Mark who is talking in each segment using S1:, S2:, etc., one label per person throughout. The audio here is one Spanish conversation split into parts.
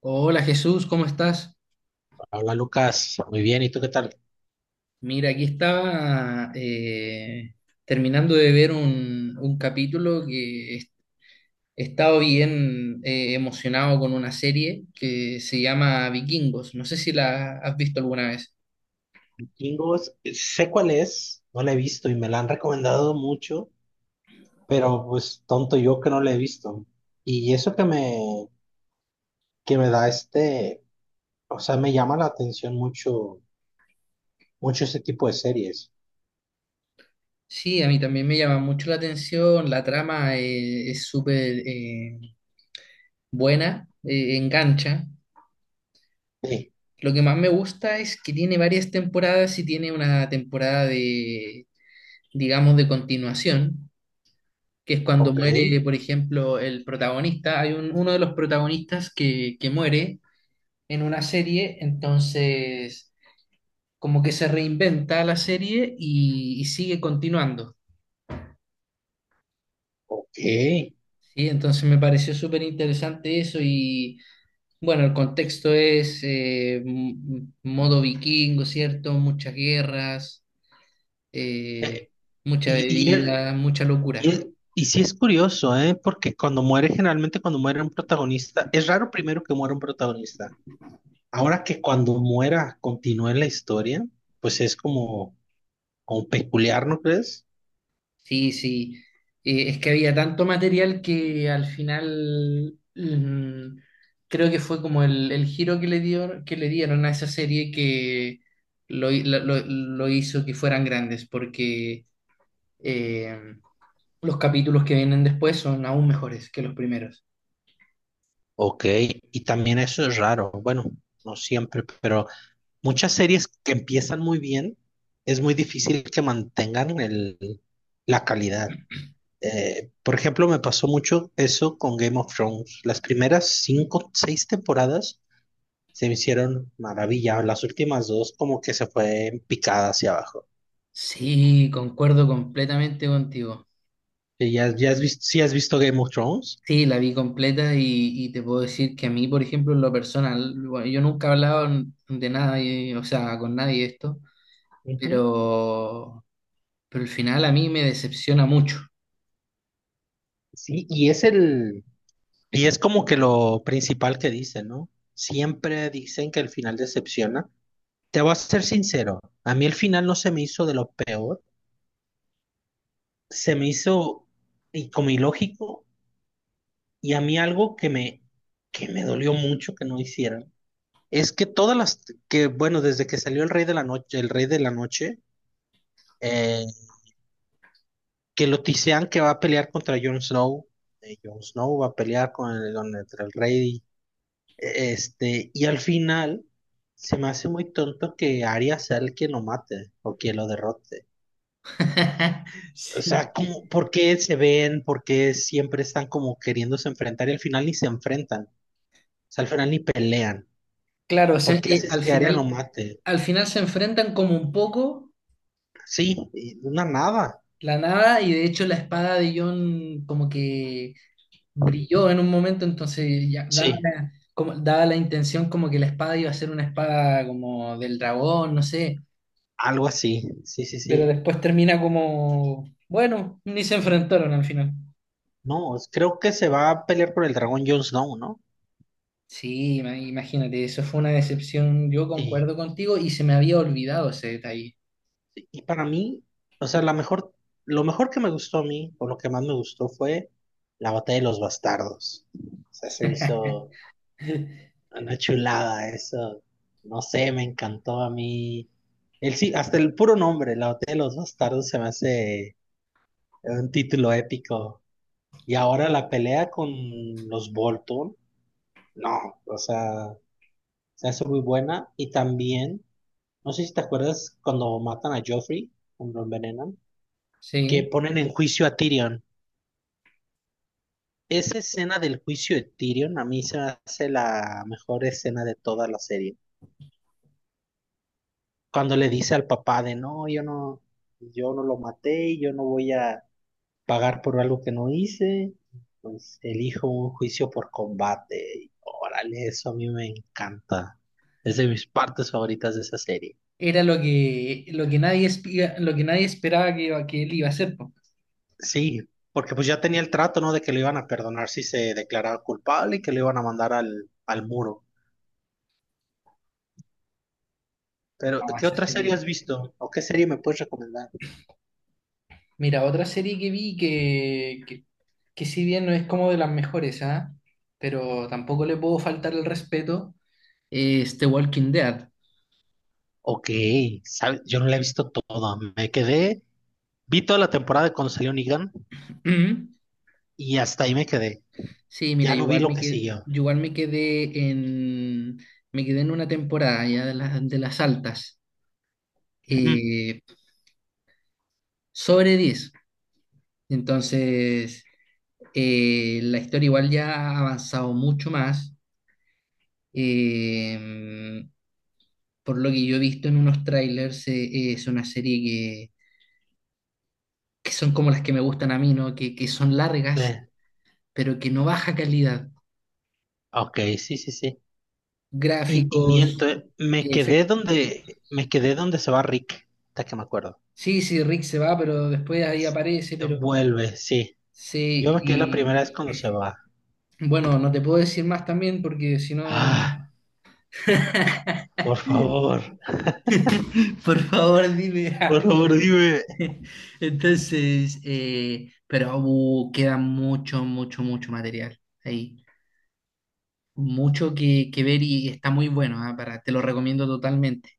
S1: Hola Jesús, ¿cómo estás?
S2: Hola Lucas, muy bien, ¿y tú qué tal?
S1: Mira, aquí estaba terminando de ver un capítulo que he estado bien emocionado con una serie que se llama Vikingos. No sé si la has visto alguna vez.
S2: Vikingos, sé cuál es, no la he visto y me la han recomendado mucho, pero pues tonto yo que no la he visto. Y eso que me da o sea, me llama la atención mucho, mucho este tipo de series.
S1: Sí, a mí también me llama mucho la atención, la trama es súper buena, engancha.
S2: Sí,
S1: Lo que más me gusta es que tiene varias temporadas y tiene una temporada de, digamos, de continuación, que es cuando
S2: ok,
S1: muere, por ejemplo, el protagonista. Hay uno de los protagonistas que muere en una serie, entonces como que se reinventa la serie y sigue continuando.
S2: ok.
S1: ¿Sí? Entonces me pareció súper interesante eso y bueno, el contexto es modo vikingo, ¿cierto? Muchas guerras, eh, mucha
S2: Y, y, el-
S1: bebida, mucha
S2: y,
S1: locura.
S2: el- y sí es curioso, ¿eh? Porque cuando muere, generalmente cuando muere un protagonista, es raro primero que muera un protagonista. Ahora que cuando muera continúe la historia, pues es como, como peculiar, ¿no crees?
S1: Sí, sí. Es que había tanto material que al final creo que fue como el giro que le dio, que le dieron a esa serie que lo, hi- lo hizo que fueran grandes, porque eh, los capítulos que vienen después son aún mejores que los primeros.
S2: Ok, y también eso es raro. Bueno, no siempre, pero muchas series que empiezan muy bien, es muy difícil que mantengan la calidad. Por ejemplo, me pasó mucho eso con Game of Thrones. Las primeras cinco, seis temporadas se me hicieron maravilla. Las últimas dos como que se fue en picada hacia abajo.
S1: Sí, concuerdo completamente contigo.
S2: ¿Ya has visto, sí has visto Game of Thrones?
S1: Sí, la vi completa y te puedo decir que a mí, por ejemplo, en lo personal, bueno, yo nunca he hablado de nada, o sea, con nadie de esto.
S2: Ujú.
S1: pero, pero el final a mí me decepciona mucho.
S2: Sí, y es como que lo principal que dicen, ¿no? Siempre dicen que el final decepciona. Te voy a ser sincero, a mí el final no se me hizo de lo peor, se me hizo y como ilógico y a mí algo que me dolió mucho que no hicieran es que todas las que bueno, desde que salió el Rey de la Noche, eh, que lo tisean que va a pelear contra Jon Snow, Jon Snow va a pelear con el Rey. Este, y al final se me hace muy tonto que Arya sea el que lo mate o que lo derrote.
S1: Sí,
S2: ¿Por qué se ven? ¿Por qué siempre están como queriéndose enfrentar y al final ni se enfrentan? O sea, al final ni pelean.
S1: claro,
S2: ¿Por qué haces
S1: al
S2: que Arya lo mate?
S1: al final se enfrentan como un poco
S2: Sí, y una nada.
S1: la nada y de hecho la espada de Jon como que brilló en un momento, entonces ya daba
S2: Sí,
S1: la, como, daba la intención como que la espada iba a ser una espada como del dragón, no sé,
S2: algo así. Sí, sí,
S1: pero
S2: sí.
S1: después termina como, bueno, ni se enfrentaron al final.
S2: No, creo que se va a pelear por el dragón Jon Snow, ¿no?
S1: Sí, imagínate, eso fue una decepción. Yo
S2: Y
S1: concuerdo contigo y se me había olvidado ese detalle.
S2: Y para mí, o sea, la mejor, lo mejor que me gustó a mí, o lo que más me gustó fue la batalla de los bastardos. O sea, se me hizo una chulada eso. No sé, me encantó a mí. Sí, hasta el puro nombre, la batalla de los bastardos, se me hace un título épico. Y ahora la pelea con los Bolton, no, o sea, se hace muy buena. Y también, no sé si te acuerdas cuando matan a Joffrey, cuando lo envenenan, que
S1: Sí,
S2: ponen en juicio a Tyrion. Esa escena del juicio de Tyrion a mí se me hace la mejor escena de toda la serie. Cuando le dice al papá de no, yo no lo maté, y yo no voy a pagar por algo que no hice, pues elijo un juicio por combate. Y órale, eso a mí me encanta. Es de mis partes favoritas de esa serie.
S1: era lo lo que nadie, lo que nadie esperaba que él iba a hacer. Po.
S2: Sí, porque pues ya tenía el trato, ¿no? De que lo iban a perdonar si se declaraba culpable y que lo iban a mandar al muro. Pero,
S1: No,
S2: ¿qué
S1: esa
S2: otra serie
S1: serie.
S2: has visto? ¿O qué serie me puedes recomendar?
S1: Mira, otra serie que vi que si bien no es como de las mejores, ¿ah? Pero tampoco le puedo faltar el respeto, es The Walking Dead.
S2: Ok, ¿sabes? Yo no la he visto toda. Vi toda la temporada cuando salió Negan y hasta ahí me quedé.
S1: Sí, mira,
S2: Ya no vi lo que siguió.
S1: igual me quedé en una temporada ya de de las altas,
S2: Ujú.
S1: eh, sobre 10. Entonces, la historia igual ya ha avanzado mucho más. Eh, por lo que yo he visto en unos trailers, es una serie que son como las que me gustan a mí, ¿no? Que son
S2: Sí,
S1: largas, pero que no baja calidad.
S2: ok, sí, sí, sí. Y
S1: Gráficos,
S2: miento,
S1: eh, efec-
S2: me quedé donde se va Rick, hasta que me acuerdo.
S1: sí, sí, Rick se va, pero después ahí aparece, pero
S2: Vuelve, sí. Yo
S1: sí,
S2: me quedé la primera
S1: y
S2: vez cuando se va.
S1: bueno, no te puedo decir más también porque si no...
S2: Ah, por favor,
S1: Por favor, dime.
S2: por favor, dime.
S1: Entonces, queda mucho, mucho, mucho material ahí. Mucho que ver y está muy bueno, ah. Para, te lo recomiendo totalmente.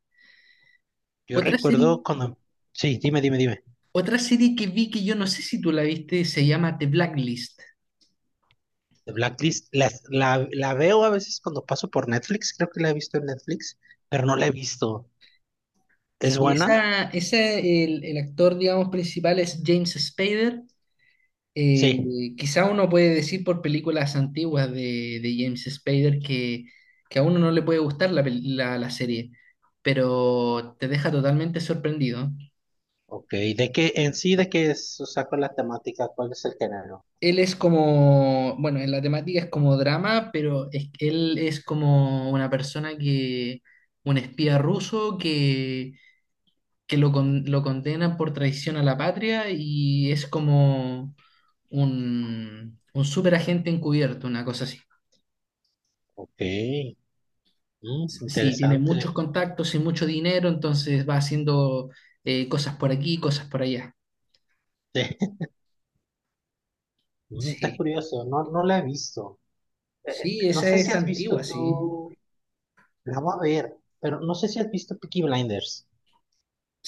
S2: Yo
S1: Otra serie,
S2: recuerdo cuando, sí, dime, dime, dime.
S1: Otra serie que vi que yo no sé si tú la viste, se llama The Blacklist.
S2: De Blacklist, la veo a veces cuando paso por Netflix, creo que la he visto en Netflix, pero no la he visto. ¿Es
S1: Si
S2: buena?
S1: esa, ese, el actor, digamos, principal es James Spader.
S2: Sí.
S1: Eh, quizá uno puede decir por películas antiguas de James Spader que a uno no le puede gustar la serie, pero te deja totalmente sorprendido.
S2: Ok, en sí, ¿de qué es? O sea, ¿cuál es la temática? ¿Cuál es el género?
S1: Él es como, bueno, en la temática es como drama, pero él es como una persona un espía ruso lo condenan por traición a la patria y es como un superagente encubierto, una cosa así.
S2: Ok, mm,
S1: Sí, tiene muchos
S2: interesante.
S1: contactos y mucho dinero, entonces va haciendo cosas por aquí, cosas por allá.
S2: Sí. Mm, está
S1: Sí,
S2: curioso, no, no la he visto.
S1: sí,
S2: No
S1: esa
S2: sé si
S1: es
S2: has visto
S1: antigua, sí.
S2: tú, la voy a ver, pero no sé si has visto Peaky Blinders.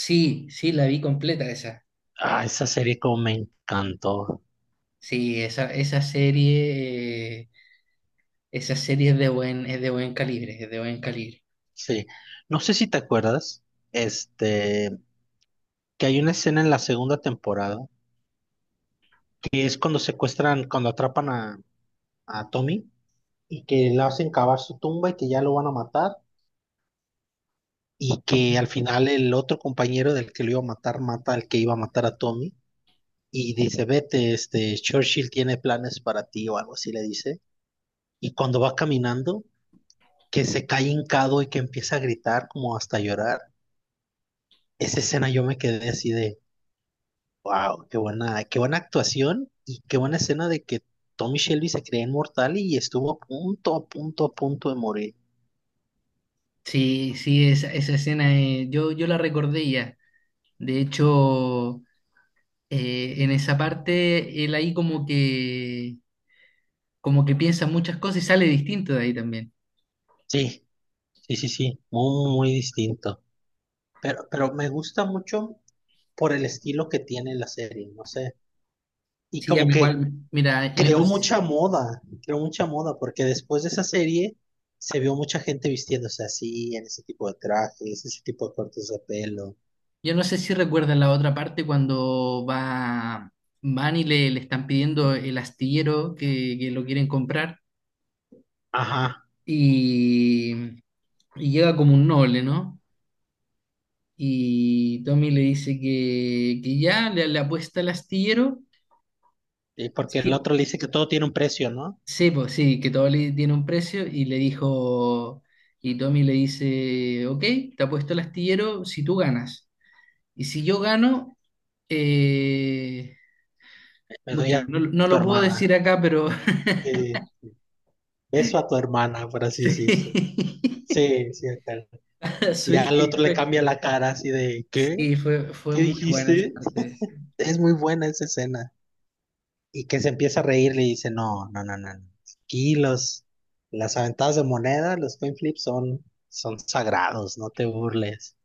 S1: Sí, sí, la vi completa esa.
S2: Ah, esa serie como me encantó.
S1: Sí, esa serie es de buen calibre, es de buen calibre.
S2: Sí, no sé si te acuerdas, este, que hay una escena en la segunda temporada, que es cuando secuestran, cuando atrapan a Tommy y que le hacen cavar su tumba y que ya lo van a matar y que al final el otro compañero del que lo iba a matar mata al que iba a matar a Tommy y dice, vete, este, Churchill tiene planes para ti o algo así le dice. Y cuando va caminando, que se cae hincado y que empieza a gritar como hasta llorar. Esa escena yo me quedé así de, wow, qué buena actuación y qué buena escena de que Tommy Shelby se creía inmortal y estuvo a punto, a punto, a punto de morir.
S1: Sí, sí, esa escena yo la recordé ya. De hecho, en esa parte él ahí como como que piensa muchas cosas y sale distinto de ahí también.
S2: Sí, sí, sí, sí, muy, muy distinto. Pero me gusta mucho por el estilo que tiene la serie, no sé. Y
S1: Sí, a
S2: como
S1: mí
S2: que
S1: igual, mira,
S2: creó mucha moda, porque después de esa serie se vio mucha gente vistiéndose así, en ese tipo de trajes, ese tipo de cortes de pelo.
S1: yo no sé si recuerdan la otra parte cuando va, van y le están pidiendo el astillero que lo quieren comprar
S2: Ajá,
S1: y, y llega como un noble, ¿no? Y Tommy le dice le apuesta el astillero.
S2: y porque el
S1: Sí,
S2: otro le dice que todo tiene un precio, ¿no?
S1: sí, pues sí, que todo le tiene un precio y le dijo, y Tommy le dice, ok, te apuesto el astillero si tú ganas. Y si yo gano... Eh,
S2: Me doy
S1: muchas
S2: a
S1: no, lo no
S2: tu
S1: lo puedo decir
S2: hermana.
S1: acá, pero
S2: Eh, beso a tu hermana, por así decirse.
S1: sí,
S2: Sí, sí, acá. Y
S1: sí,
S2: al otro le cambia la cara así de, ¿qué?
S1: sí, fue
S2: ¿Qué
S1: muy buena esa
S2: dijiste?
S1: parte. Sí.
S2: Es muy buena esa escena. Y que se empieza a reír, le dice, no, no, no, no. Aquí los, las aventadas de moneda, los coin flips son, son sagrados, no te burles.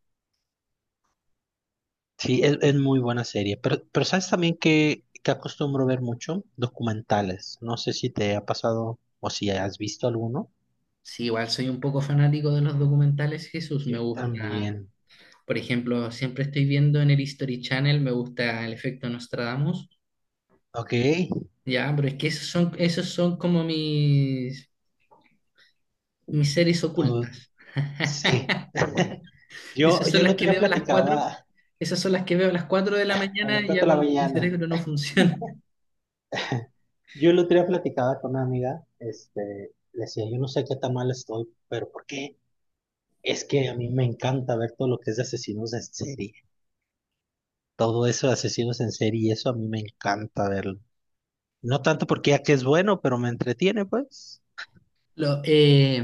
S2: Sí, es muy buena serie. Pero ¿sabes también que acostumbro ver mucho? Documentales. No sé si te ha pasado o si has visto alguno.
S1: Sí, igual soy un poco fanático de los documentales, Jesús, me
S2: Yo
S1: gusta.
S2: también.
S1: Por ejemplo, siempre estoy viendo en el History Channel, me gusta el efecto Nostradamus,
S2: Ok,
S1: ya, pero es que esos son como mis series
S2: tú,
S1: ocultas.
S2: sí.
S1: Esas
S2: Yo
S1: son
S2: el
S1: las
S2: otro
S1: que
S2: día
S1: veo a las cuatro,
S2: platicaba
S1: esas son las que veo a las cuatro de la
S2: a
S1: mañana,
S2: las cuatro
S1: ya
S2: de la
S1: cuando mi
S2: mañana.
S1: cerebro no funciona.
S2: Yo el otro día platicaba con una amiga, este, le decía, yo no sé qué tan mal estoy, pero ¿por qué? Es que a mí me encanta ver todo lo que es de asesinos en serie. Todo eso de asesinos en serie, eso a mí me encanta verlo. No tanto porque ya que es bueno, pero me entretiene, pues.
S1: Lo- eh,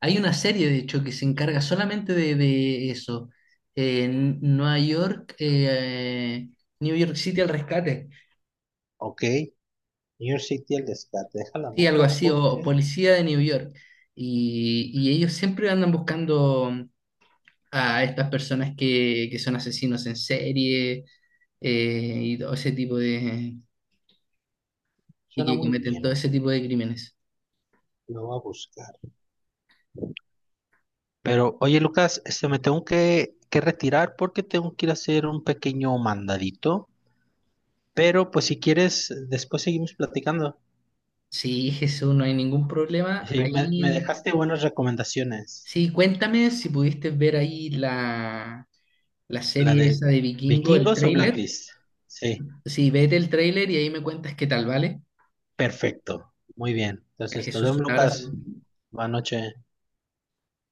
S1: Hay una serie, de hecho, que se encarga solamente de eso. Nueva York, New York City al rescate.
S2: Ok, New York City, el rescate, deja la
S1: Sí, algo
S2: moto
S1: así, o
S2: porque
S1: Policía de New York. Y ellos siempre andan buscando a estas personas que son asesinos en serie, y todo ese tipo de... y
S2: suena
S1: que
S2: muy
S1: cometen todo
S2: bien.
S1: ese tipo de crímenes.
S2: Lo voy a buscar. Pero, oye, Lucas, este, me tengo que retirar porque tengo que ir a hacer un pequeño mandadito. Pero, pues, si quieres, después seguimos platicando.
S1: Sí, Jesús, no hay ningún problema.
S2: Sí, me
S1: Ahí...
S2: dejaste buenas recomendaciones.
S1: Sí, cuéntame si pudiste ver ahí la, la
S2: La
S1: serie
S2: de
S1: esa de Vikingo, el
S2: Vikingos o
S1: tráiler.
S2: Blacklist. Sí,
S1: Sí, vete el tráiler y ahí me cuentas qué tal, ¿vale?
S2: perfecto. Muy bien.
S1: A
S2: Entonces, nos
S1: Jesús,
S2: vemos,
S1: un
S2: Lucas.
S1: abrazo.
S2: Buenas noches.